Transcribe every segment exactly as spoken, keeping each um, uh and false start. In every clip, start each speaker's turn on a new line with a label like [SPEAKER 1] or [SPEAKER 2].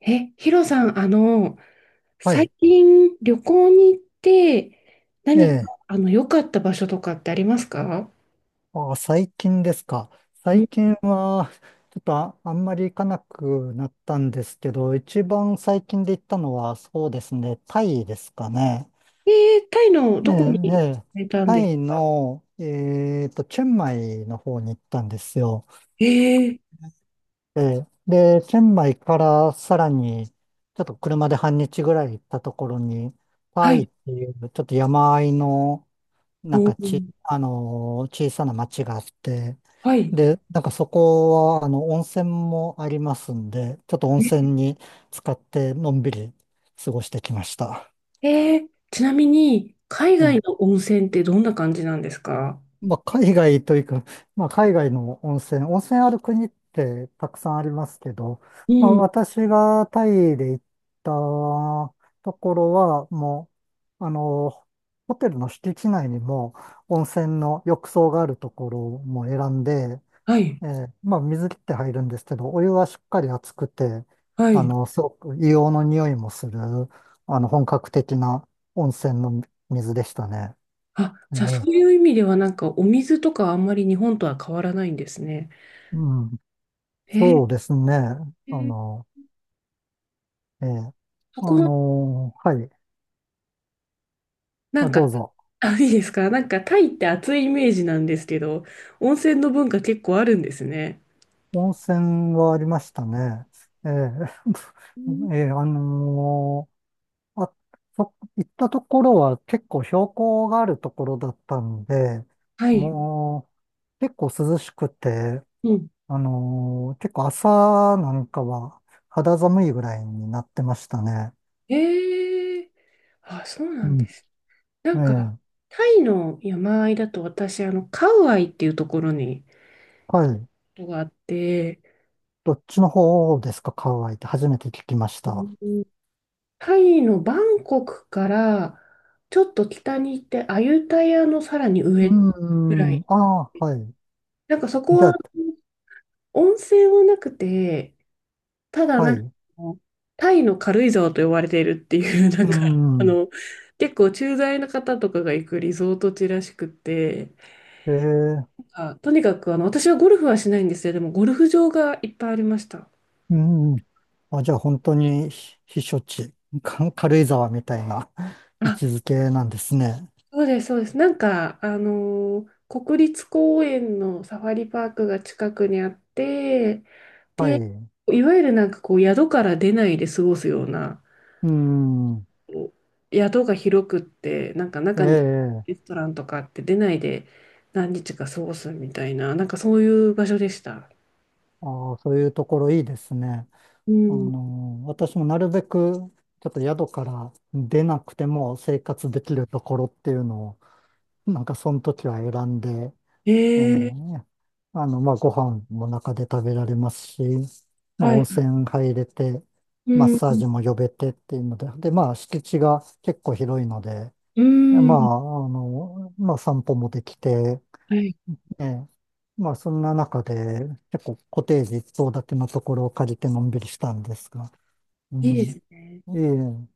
[SPEAKER 1] え、ヒロさん、あの、
[SPEAKER 2] は
[SPEAKER 1] 最
[SPEAKER 2] い。
[SPEAKER 1] 近旅行に行って、
[SPEAKER 2] え
[SPEAKER 1] 何か、
[SPEAKER 2] え。
[SPEAKER 1] あの、良かった場所とかってありますか？
[SPEAKER 2] あ、最近ですか。
[SPEAKER 1] う
[SPEAKER 2] 最
[SPEAKER 1] ん。
[SPEAKER 2] 近は、ちょっとあ、あんまり行かなくなったんですけど、一番最近で行ったのは、そうですね、タイですかね。
[SPEAKER 1] えー、タイの
[SPEAKER 2] え
[SPEAKER 1] どこ
[SPEAKER 2] え、
[SPEAKER 1] に
[SPEAKER 2] え
[SPEAKER 1] 行
[SPEAKER 2] え。
[SPEAKER 1] かれたん
[SPEAKER 2] タ
[SPEAKER 1] です
[SPEAKER 2] イ
[SPEAKER 1] か？
[SPEAKER 2] の、えっと、チェンマイの方に行ったんですよ。
[SPEAKER 1] えー、
[SPEAKER 2] ええ。で、チェンマイからさらに、ちょっと車で半日ぐらい行ったところに、
[SPEAKER 1] は
[SPEAKER 2] タイっ
[SPEAKER 1] い。
[SPEAKER 2] ていう、ちょっと山あいの、なん
[SPEAKER 1] お
[SPEAKER 2] かち、
[SPEAKER 1] ー、
[SPEAKER 2] あのー小さな町があって、
[SPEAKER 1] はい。
[SPEAKER 2] で、なんかそこは、あの、温泉もありますんで、ちょっと温泉に使ってのんびり過ごしてきました。
[SPEAKER 1] えー、ちなみに、海
[SPEAKER 2] え
[SPEAKER 1] 外
[SPEAKER 2] え、
[SPEAKER 1] の温泉ってどんな感じなんですか？
[SPEAKER 2] まあ、海外というか、まあ、海外の温泉、温泉ある国ってたくさんありますけど、
[SPEAKER 1] う
[SPEAKER 2] まあ、
[SPEAKER 1] ん、
[SPEAKER 2] 私がタイで行ったところは、もう、あのホテルの敷地内にも温泉の浴槽があるところも選んで、
[SPEAKER 1] はい、
[SPEAKER 2] ええ、まあ水切って入るんですけど、お湯はしっかり熱くて、
[SPEAKER 1] は
[SPEAKER 2] あ
[SPEAKER 1] い。
[SPEAKER 2] の、すごく硫黄の匂いもする、あの、本格的な温泉の水でしたね。
[SPEAKER 1] あ、
[SPEAKER 2] え
[SPEAKER 1] じゃあそ
[SPEAKER 2] え、
[SPEAKER 1] ういう意味ではなんかお水とかあんまり日本とは変わらないんですね。
[SPEAKER 2] うん、
[SPEAKER 1] えー、
[SPEAKER 2] そうですね。
[SPEAKER 1] え
[SPEAKER 2] あ
[SPEAKER 1] ー、
[SPEAKER 2] の、ええ、
[SPEAKER 1] そ
[SPEAKER 2] あ
[SPEAKER 1] こ
[SPEAKER 2] の、はい、
[SPEAKER 1] な
[SPEAKER 2] あ、
[SPEAKER 1] んか、
[SPEAKER 2] どうぞ。
[SPEAKER 1] あ、いいですか？なんかタイって暑いイメージなんですけど、温泉の文化結構あるんですね。
[SPEAKER 2] 温泉はありましたね。ええ、
[SPEAKER 1] うん。
[SPEAKER 2] ええ、あのあ、そ、行ったところは結構標高があるところだったんで、
[SPEAKER 1] はい。
[SPEAKER 2] もう結構涼しくて、
[SPEAKER 1] うん。
[SPEAKER 2] あのー結構朝なんかは肌寒いぐらいになってましたね。
[SPEAKER 1] ええ。あ、そうな
[SPEAKER 2] う
[SPEAKER 1] ん
[SPEAKER 2] ん。
[SPEAKER 1] です。な
[SPEAKER 2] え
[SPEAKER 1] んか、
[SPEAKER 2] え。
[SPEAKER 1] タイの山あいだと私、あの、カウアイっていうところに、こ
[SPEAKER 2] はい。
[SPEAKER 1] とがあって、
[SPEAKER 2] どっちの方ですか？ハワイって初めて聞きまし
[SPEAKER 1] う
[SPEAKER 2] た。
[SPEAKER 1] ん。タイのバンコクからちょっと北に行って、アユタヤのさらに
[SPEAKER 2] う
[SPEAKER 1] 上ぐら
[SPEAKER 2] ーん。
[SPEAKER 1] い。
[SPEAKER 2] ああ、はい。
[SPEAKER 1] なんかそこ
[SPEAKER 2] じゃ
[SPEAKER 1] は
[SPEAKER 2] あ、
[SPEAKER 1] 温泉はなくて、ただ、
[SPEAKER 2] は
[SPEAKER 1] な
[SPEAKER 2] い。
[SPEAKER 1] んか、
[SPEAKER 2] う
[SPEAKER 1] タイの軽井沢と呼ばれているっていう、な
[SPEAKER 2] ー
[SPEAKER 1] んか、あ
[SPEAKER 2] ん。
[SPEAKER 1] の、結構駐在の方とかが行くリゾート地らしくて、
[SPEAKER 2] ええ。
[SPEAKER 1] あ、とにかく、あの、私はゴルフはしないんですよ。でも、ゴルフ場がいっぱいありました。
[SPEAKER 2] うん。あ、じゃあ本当に避避暑地、か 軽井沢みたいな 位
[SPEAKER 1] あ、
[SPEAKER 2] 置づけなんですね。
[SPEAKER 1] そうです、そうです。なんか、あのー国立公園のサファリパークが近くにあって、
[SPEAKER 2] は
[SPEAKER 1] で、
[SPEAKER 2] い。
[SPEAKER 1] いわゆるなんかこう、宿から出ないで過ごすような、
[SPEAKER 2] うん。
[SPEAKER 1] 宿が広くって、なんか
[SPEAKER 2] え
[SPEAKER 1] 中に
[SPEAKER 2] え。
[SPEAKER 1] レストランとかって出ないで何日か過ごすみたいな、なんかそういう場所でした。
[SPEAKER 2] ああ、そういうところいいですね。
[SPEAKER 1] う
[SPEAKER 2] あ
[SPEAKER 1] ん。
[SPEAKER 2] の、私もなるべくちょっと宿から出なくても生活できるところっていうのを、なんかその時は選んで、え
[SPEAKER 1] ええ。
[SPEAKER 2] え、あの、まあ、ご飯も中で食べられますし、まあ、
[SPEAKER 1] は
[SPEAKER 2] 温
[SPEAKER 1] い。
[SPEAKER 2] 泉入れて、
[SPEAKER 1] う
[SPEAKER 2] マッ
[SPEAKER 1] ん。
[SPEAKER 2] サージも呼べてっていうので、で、まあ、敷地が結構広いので、
[SPEAKER 1] う
[SPEAKER 2] ま
[SPEAKER 1] ん。
[SPEAKER 2] あ、あの、まあ、散歩もできて、
[SPEAKER 1] はい。
[SPEAKER 2] ええ、まあ、そんな中で、結構コテージ一棟建てのところを借りてのんびりしたんですが、う
[SPEAKER 1] いい
[SPEAKER 2] ん、
[SPEAKER 1] で
[SPEAKER 2] い
[SPEAKER 1] すね。
[SPEAKER 2] え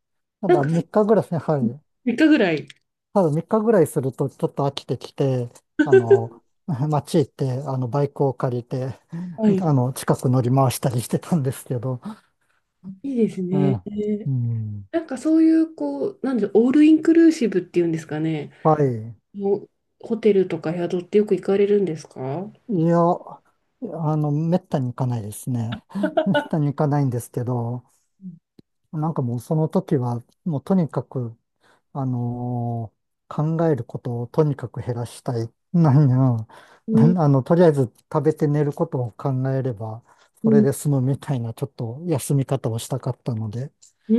[SPEAKER 2] た
[SPEAKER 1] なん
[SPEAKER 2] だ、
[SPEAKER 1] か
[SPEAKER 2] みっかぐらい、はい、
[SPEAKER 1] みっかぐらい。
[SPEAKER 2] ただみっかぐらいするとちょっと飽きてきて、あの、街行って、あの、バイクを借りて、
[SPEAKER 1] は い。
[SPEAKER 2] あの、近く乗り回したりしてたんですけど、
[SPEAKER 1] いいです
[SPEAKER 2] え
[SPEAKER 1] ね。
[SPEAKER 2] え、うん、
[SPEAKER 1] なんかそういう、こう、なんで、オールインクルーシブっていうんですかね。
[SPEAKER 2] はい。
[SPEAKER 1] もうホテルとか宿ってよく行かれるんですか？う
[SPEAKER 2] いや、あの、めったに行かないですね。めったに行かないんですけど、
[SPEAKER 1] ん。
[SPEAKER 2] なんかもうその時は、もうとにかく、あのー考えることをとにかく減らしたい。何や、
[SPEAKER 1] う
[SPEAKER 2] なあの、とりあえず食べて寝ることを考えれば、それ
[SPEAKER 1] ん。
[SPEAKER 2] で済むみたいな、ちょっと休み方をしたかったので、
[SPEAKER 1] う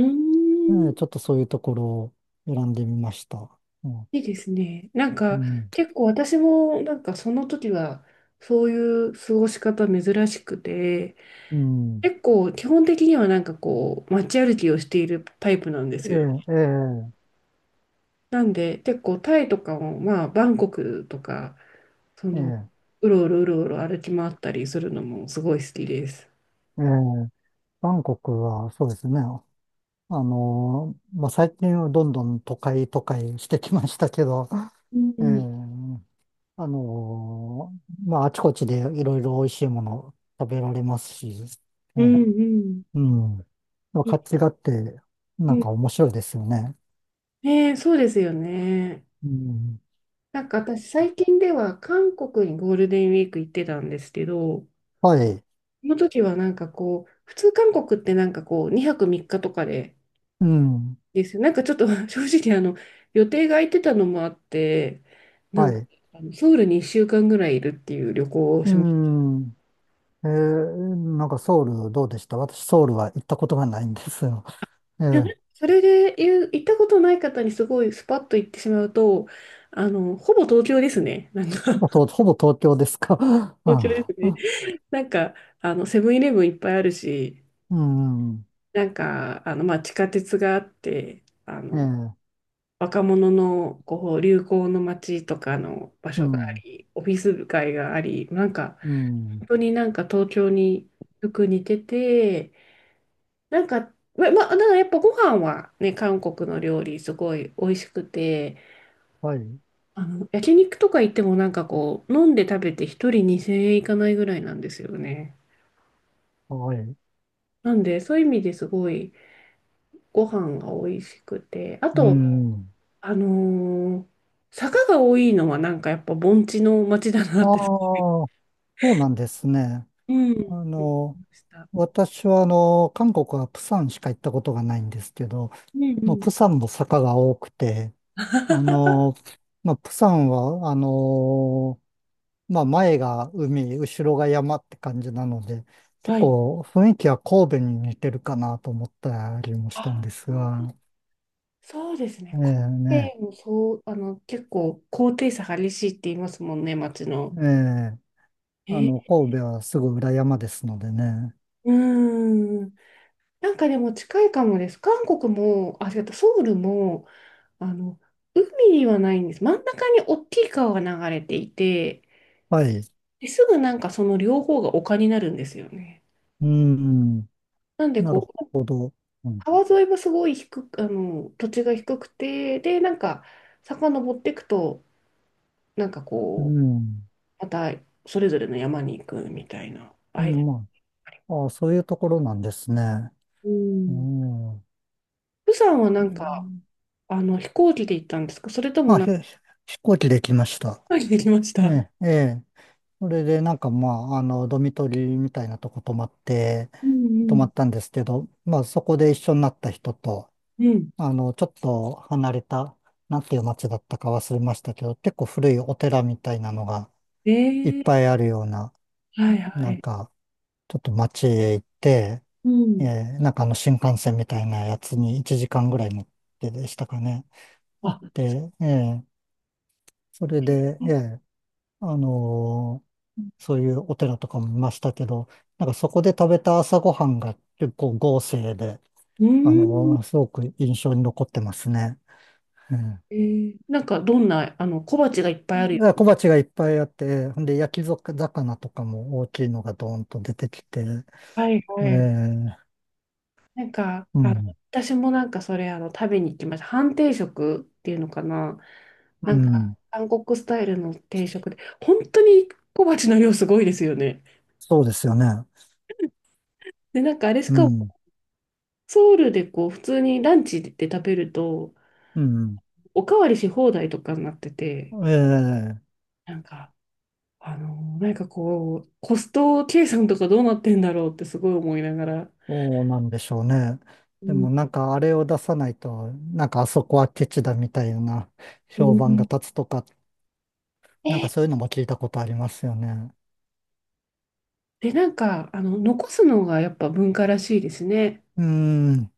[SPEAKER 2] え
[SPEAKER 1] ん。
[SPEAKER 2] ーちょっとそういうところを選んでみました。うん。
[SPEAKER 1] いいですね。なん
[SPEAKER 2] う
[SPEAKER 1] か
[SPEAKER 2] ん。
[SPEAKER 1] 結構私もなんかその時はそういう過ごし方珍しくて、
[SPEAKER 2] うん、
[SPEAKER 1] 結構基本的にはなんかこう街歩きをしているタイプなんですよ。
[SPEAKER 2] ええ、え
[SPEAKER 1] なんで結構タイとかもまあバンコクとか、そ
[SPEAKER 2] え、え
[SPEAKER 1] の
[SPEAKER 2] え、
[SPEAKER 1] うろうろうろうろ歩き回ったりするのもすごい好きです。
[SPEAKER 2] ええ、バンコクはそうですね。あのーまあ、最近はどんどん都会都会してきましたけど、
[SPEAKER 1] うん、
[SPEAKER 2] え
[SPEAKER 1] うん、
[SPEAKER 2] え、あのーまあ、あちこちでいろいろ美味しいもの食べられますし、
[SPEAKER 1] う
[SPEAKER 2] ね、
[SPEAKER 1] ん。
[SPEAKER 2] うん。まあ、
[SPEAKER 1] い。
[SPEAKER 2] 活気があって、
[SPEAKER 1] う
[SPEAKER 2] なん
[SPEAKER 1] ん。
[SPEAKER 2] か面白いですよね。
[SPEAKER 1] ねえ、そうですよね。
[SPEAKER 2] うん。
[SPEAKER 1] なんか私最近では韓国にゴールデンウィーク行ってたんですけど、
[SPEAKER 2] はい。
[SPEAKER 1] その時はなんかこう、普通韓国ってなんかこう、にはくみっかとかで
[SPEAKER 2] うん。
[SPEAKER 1] ですよ。なんかちょっと 正直あの、予定が空いてたのもあって、な
[SPEAKER 2] は
[SPEAKER 1] んか
[SPEAKER 2] い。
[SPEAKER 1] あのソウルにいっしゅうかんぐらいいるっていう旅行を
[SPEAKER 2] う
[SPEAKER 1] しました。
[SPEAKER 2] ん。えー、なんかソウルどうでした？私ソウルは行ったことがないんですよ。ええ
[SPEAKER 1] いや、なん
[SPEAKER 2] や
[SPEAKER 1] かそれで言う行ったことない方にすごいスパッと行ってしまうと、あの、ほぼ東京ですね。なんか
[SPEAKER 2] と、ほぼ東ほぼ東京ですか？
[SPEAKER 1] 東京で すね。なんか、あの、セブンイレブンいっぱいあるし、
[SPEAKER 2] うん。うん、
[SPEAKER 1] なんか、あの、まあ、地下鉄があって、あ
[SPEAKER 2] ええ
[SPEAKER 1] の、
[SPEAKER 2] ー、
[SPEAKER 1] 若者のこう流行の街とかの場
[SPEAKER 2] う
[SPEAKER 1] 所があ
[SPEAKER 2] ん。
[SPEAKER 1] り、オフィス街があり、なんか
[SPEAKER 2] うん。
[SPEAKER 1] 本当になんか東京によく似てて、なんか、ま、ま、だからやっぱご飯はね、韓国の料理すごい美味しくて、
[SPEAKER 2] はい。
[SPEAKER 1] あの、焼肉とか行ってもなんかこう、飲んで食べて一人にせんえんいかないぐらいなんですよね。
[SPEAKER 2] はい。
[SPEAKER 1] なんで、そういう意味ですごいご飯が美味しくて、あ
[SPEAKER 2] う
[SPEAKER 1] と、
[SPEAKER 2] ん。
[SPEAKER 1] あのー坂が多いのはなんかやっぱ盆地の街だなっ
[SPEAKER 2] あ
[SPEAKER 1] て。
[SPEAKER 2] あ、そうなんですね。
[SPEAKER 1] うん。う
[SPEAKER 2] あ
[SPEAKER 1] ん。
[SPEAKER 2] の、
[SPEAKER 1] ました。
[SPEAKER 2] 私はあの、韓国は釜山しか行ったことがないんですけど、
[SPEAKER 1] うん。う
[SPEAKER 2] もう
[SPEAKER 1] ん。
[SPEAKER 2] 釜山も坂が多くて、あの、まあ、釜山は、あの、まあ、前が海、後ろが山って感じなので、結
[SPEAKER 1] はい。
[SPEAKER 2] 構雰囲気は神戸に似てるかなと思ったりもした
[SPEAKER 1] あ、
[SPEAKER 2] んですが、
[SPEAKER 1] そうです
[SPEAKER 2] え
[SPEAKER 1] ね。コ
[SPEAKER 2] え、
[SPEAKER 1] ペ
[SPEAKER 2] ね、
[SPEAKER 1] ンもそう、あの、結構高低差激しいって言いますもんね、街の。
[SPEAKER 2] ええ、あの、
[SPEAKER 1] え、
[SPEAKER 2] 神戸はすぐ裏山ですのでね。
[SPEAKER 1] うーん。なんかでも近いかもです。韓国も、あ、違った、ソウルも、あの、海にはないんです。真ん中に大きい川が流れていて、
[SPEAKER 2] はい。
[SPEAKER 1] ですぐなんかその両方が丘になるんですよね。
[SPEAKER 2] うん、
[SPEAKER 1] なんで
[SPEAKER 2] なる
[SPEAKER 1] こう
[SPEAKER 2] ほど。うん、
[SPEAKER 1] 川沿いもすごい低く、あの、土地が低くて、で、なんか、遡っていくと、なんか
[SPEAKER 2] う
[SPEAKER 1] こう、
[SPEAKER 2] ん、
[SPEAKER 1] またそれぞれの山に行くみたいな
[SPEAKER 2] う
[SPEAKER 1] 間に
[SPEAKER 2] ん、ま
[SPEAKER 1] あり。
[SPEAKER 2] あ、ああ、そういうところなんですね。
[SPEAKER 1] う
[SPEAKER 2] う
[SPEAKER 1] ん。
[SPEAKER 2] ん。う
[SPEAKER 1] 釜山はなんか、
[SPEAKER 2] ん。
[SPEAKER 1] あの、飛行機で行ったんですか？それとも
[SPEAKER 2] まあ、
[SPEAKER 1] なん
[SPEAKER 2] ひ
[SPEAKER 1] か、
[SPEAKER 2] 飛行機で来ました。
[SPEAKER 1] 飛行機で行きまし
[SPEAKER 2] え
[SPEAKER 1] た。
[SPEAKER 2] え、ええ。それで、なんかまあ、あの、ドミトリーみたいなとこ泊まって、
[SPEAKER 1] うん。う
[SPEAKER 2] 泊ま
[SPEAKER 1] ん。
[SPEAKER 2] ったんですけど、まあ、そこで一緒になった人と、
[SPEAKER 1] うん。
[SPEAKER 2] あの、ちょっと離れた、なんていう街だったか忘れましたけど、結構古いお寺みたいなのがいっ
[SPEAKER 1] え
[SPEAKER 2] ぱ
[SPEAKER 1] え。
[SPEAKER 2] いあるような、
[SPEAKER 1] はいは
[SPEAKER 2] なん
[SPEAKER 1] い。
[SPEAKER 2] か、ちょっと街へ行って、
[SPEAKER 1] うん。う
[SPEAKER 2] え
[SPEAKER 1] ん。
[SPEAKER 2] え、なんかあの、新幹線みたいなやつにいちじかんぐらい乗ってでしたかね。行っ
[SPEAKER 1] あ、
[SPEAKER 2] て、ええ、それで、ええ、あのそういうお寺とかも見ましたけど、なんかそこで食べた朝ごはんが結構豪勢で、
[SPEAKER 1] うー
[SPEAKER 2] あ
[SPEAKER 1] ん。
[SPEAKER 2] のすごく印象に残ってますね。うん、だか
[SPEAKER 1] えー、なんか、どんな、あの、小鉢がいっぱいあるよ。
[SPEAKER 2] ら小鉢がいっぱいあって、ほんで焼き魚とかも大きいのがドーンと出てきて、
[SPEAKER 1] はい
[SPEAKER 2] え
[SPEAKER 1] はい。
[SPEAKER 2] え、
[SPEAKER 1] なんか、
[SPEAKER 2] う
[SPEAKER 1] あの、
[SPEAKER 2] ん、
[SPEAKER 1] 私もなんかそれ、あの、食べに行きました。半定食っていうのかな。
[SPEAKER 2] う
[SPEAKER 1] なんか、
[SPEAKER 2] ん、
[SPEAKER 1] 韓国スタイルの定食で、本当に小鉢の量すごいですよね。
[SPEAKER 2] そうですよね。
[SPEAKER 1] で、なんかあれし
[SPEAKER 2] う
[SPEAKER 1] かも、
[SPEAKER 2] ん、
[SPEAKER 1] ソウルでこう、普通にランチで食べると、
[SPEAKER 2] うん、
[SPEAKER 1] おかわりし放題とかになってて、
[SPEAKER 2] ええ、
[SPEAKER 1] なんか、あの、なんかこう、コスト計算とかどうなってんだろうってすごい思いながら。
[SPEAKER 2] そうなんでしょうね。
[SPEAKER 1] う
[SPEAKER 2] で
[SPEAKER 1] ん。
[SPEAKER 2] もなんかあれを出さないと、なんかあそこはケチだみたいな
[SPEAKER 1] う
[SPEAKER 2] 評判が
[SPEAKER 1] ん。
[SPEAKER 2] 立つとか、なんかそういうのも聞いたことありますよね。
[SPEAKER 1] で、なんか、あの、残すのがやっぱ文化らしいですね。
[SPEAKER 2] うーん、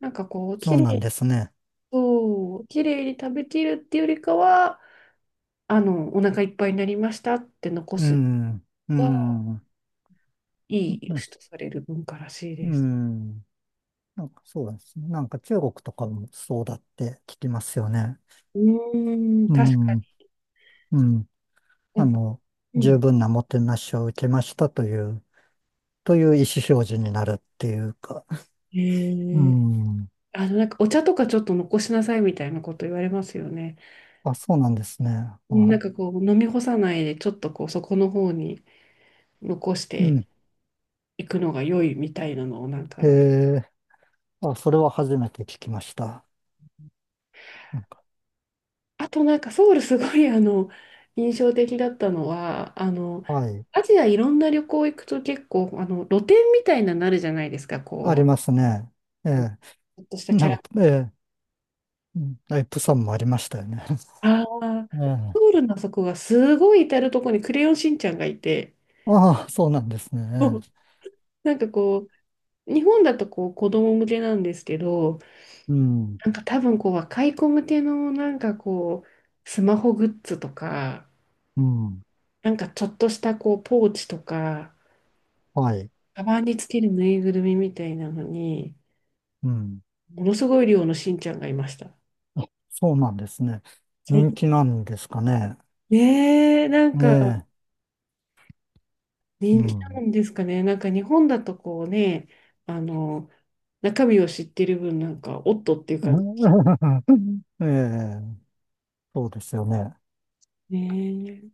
[SPEAKER 1] なんかこう、
[SPEAKER 2] そ
[SPEAKER 1] 綺
[SPEAKER 2] うなん
[SPEAKER 1] 麗
[SPEAKER 2] ですね。
[SPEAKER 1] そう、綺麗に食べきるっていうよりかは、あの、お腹いっぱいになりましたって残
[SPEAKER 2] うー
[SPEAKER 1] す
[SPEAKER 2] ん、うー
[SPEAKER 1] のが
[SPEAKER 2] ん、
[SPEAKER 1] い い良
[SPEAKER 2] う
[SPEAKER 1] しとされる文化らしい
[SPEAKER 2] ー
[SPEAKER 1] です。
[SPEAKER 2] ん、なんかそうですね。なんか中国とかもそうだって聞きますよね。
[SPEAKER 1] うーん、
[SPEAKER 2] う
[SPEAKER 1] 確か
[SPEAKER 2] ん、うん、
[SPEAKER 1] に。な
[SPEAKER 2] あ
[SPEAKER 1] んか、
[SPEAKER 2] の、
[SPEAKER 1] う
[SPEAKER 2] 十
[SPEAKER 1] ん。
[SPEAKER 2] 分なもてなしを受けましたという、という意思表示になるっていうか。う
[SPEAKER 1] へえ。
[SPEAKER 2] ん、
[SPEAKER 1] あの、なんかお茶とかちょっと残しなさいみたいなこと言われますよね。
[SPEAKER 2] あ、そうなんですね。
[SPEAKER 1] なん
[SPEAKER 2] は
[SPEAKER 1] かこう、飲み干さないで、ちょっとこう、そこの方に残し
[SPEAKER 2] い。う
[SPEAKER 1] て
[SPEAKER 2] ん。
[SPEAKER 1] いくのが良いみたいなのを、なんか、
[SPEAKER 2] ええ、あ、それは初めて聞きました。なんか、
[SPEAKER 1] あとなんかソウルすごいあの 印象的だったのは、あの
[SPEAKER 2] はい。
[SPEAKER 1] アジアいろんな旅行行くと、結構あの露店みたいなのなるじゃないですか。
[SPEAKER 2] あ
[SPEAKER 1] こ
[SPEAKER 2] り
[SPEAKER 1] う
[SPEAKER 2] ますね。ええ、
[SPEAKER 1] ちょっとしたキ
[SPEAKER 2] な
[SPEAKER 1] ャ
[SPEAKER 2] ん
[SPEAKER 1] ラ、
[SPEAKER 2] か、ええ、うん、あ、プサンもありましたよね。
[SPEAKER 1] ああ、
[SPEAKER 2] ええ、
[SPEAKER 1] ソウルのあそこがすごい至るとろに「クレヨンしんちゃん」がいて、
[SPEAKER 2] ああ、そうなんです
[SPEAKER 1] そ
[SPEAKER 2] ね。
[SPEAKER 1] う
[SPEAKER 2] え
[SPEAKER 1] なんかこう、日本だとこう子供向けなんですけど、
[SPEAKER 2] え、うん、
[SPEAKER 1] なんか多分こう若い子向けの、なんかこうスマホグッズとか、
[SPEAKER 2] うん、
[SPEAKER 1] なんかちょっとしたこうポーチとか、
[SPEAKER 2] はい。
[SPEAKER 1] カバンにつけるぬいぐるみみたいなのに、
[SPEAKER 2] うん、
[SPEAKER 1] ものすごい量のしんちゃんがいました。
[SPEAKER 2] そうなんですね。
[SPEAKER 1] そう。
[SPEAKER 2] 人気なんですかね。
[SPEAKER 1] ねえ、なん
[SPEAKER 2] え
[SPEAKER 1] か
[SPEAKER 2] え、う
[SPEAKER 1] 人気な
[SPEAKER 2] ん。
[SPEAKER 1] んですかね。なんか日本だとこうね、あの、中身を知ってる分、なんか、おっとっていう感じ。
[SPEAKER 2] ええ、そうですよね。
[SPEAKER 1] ね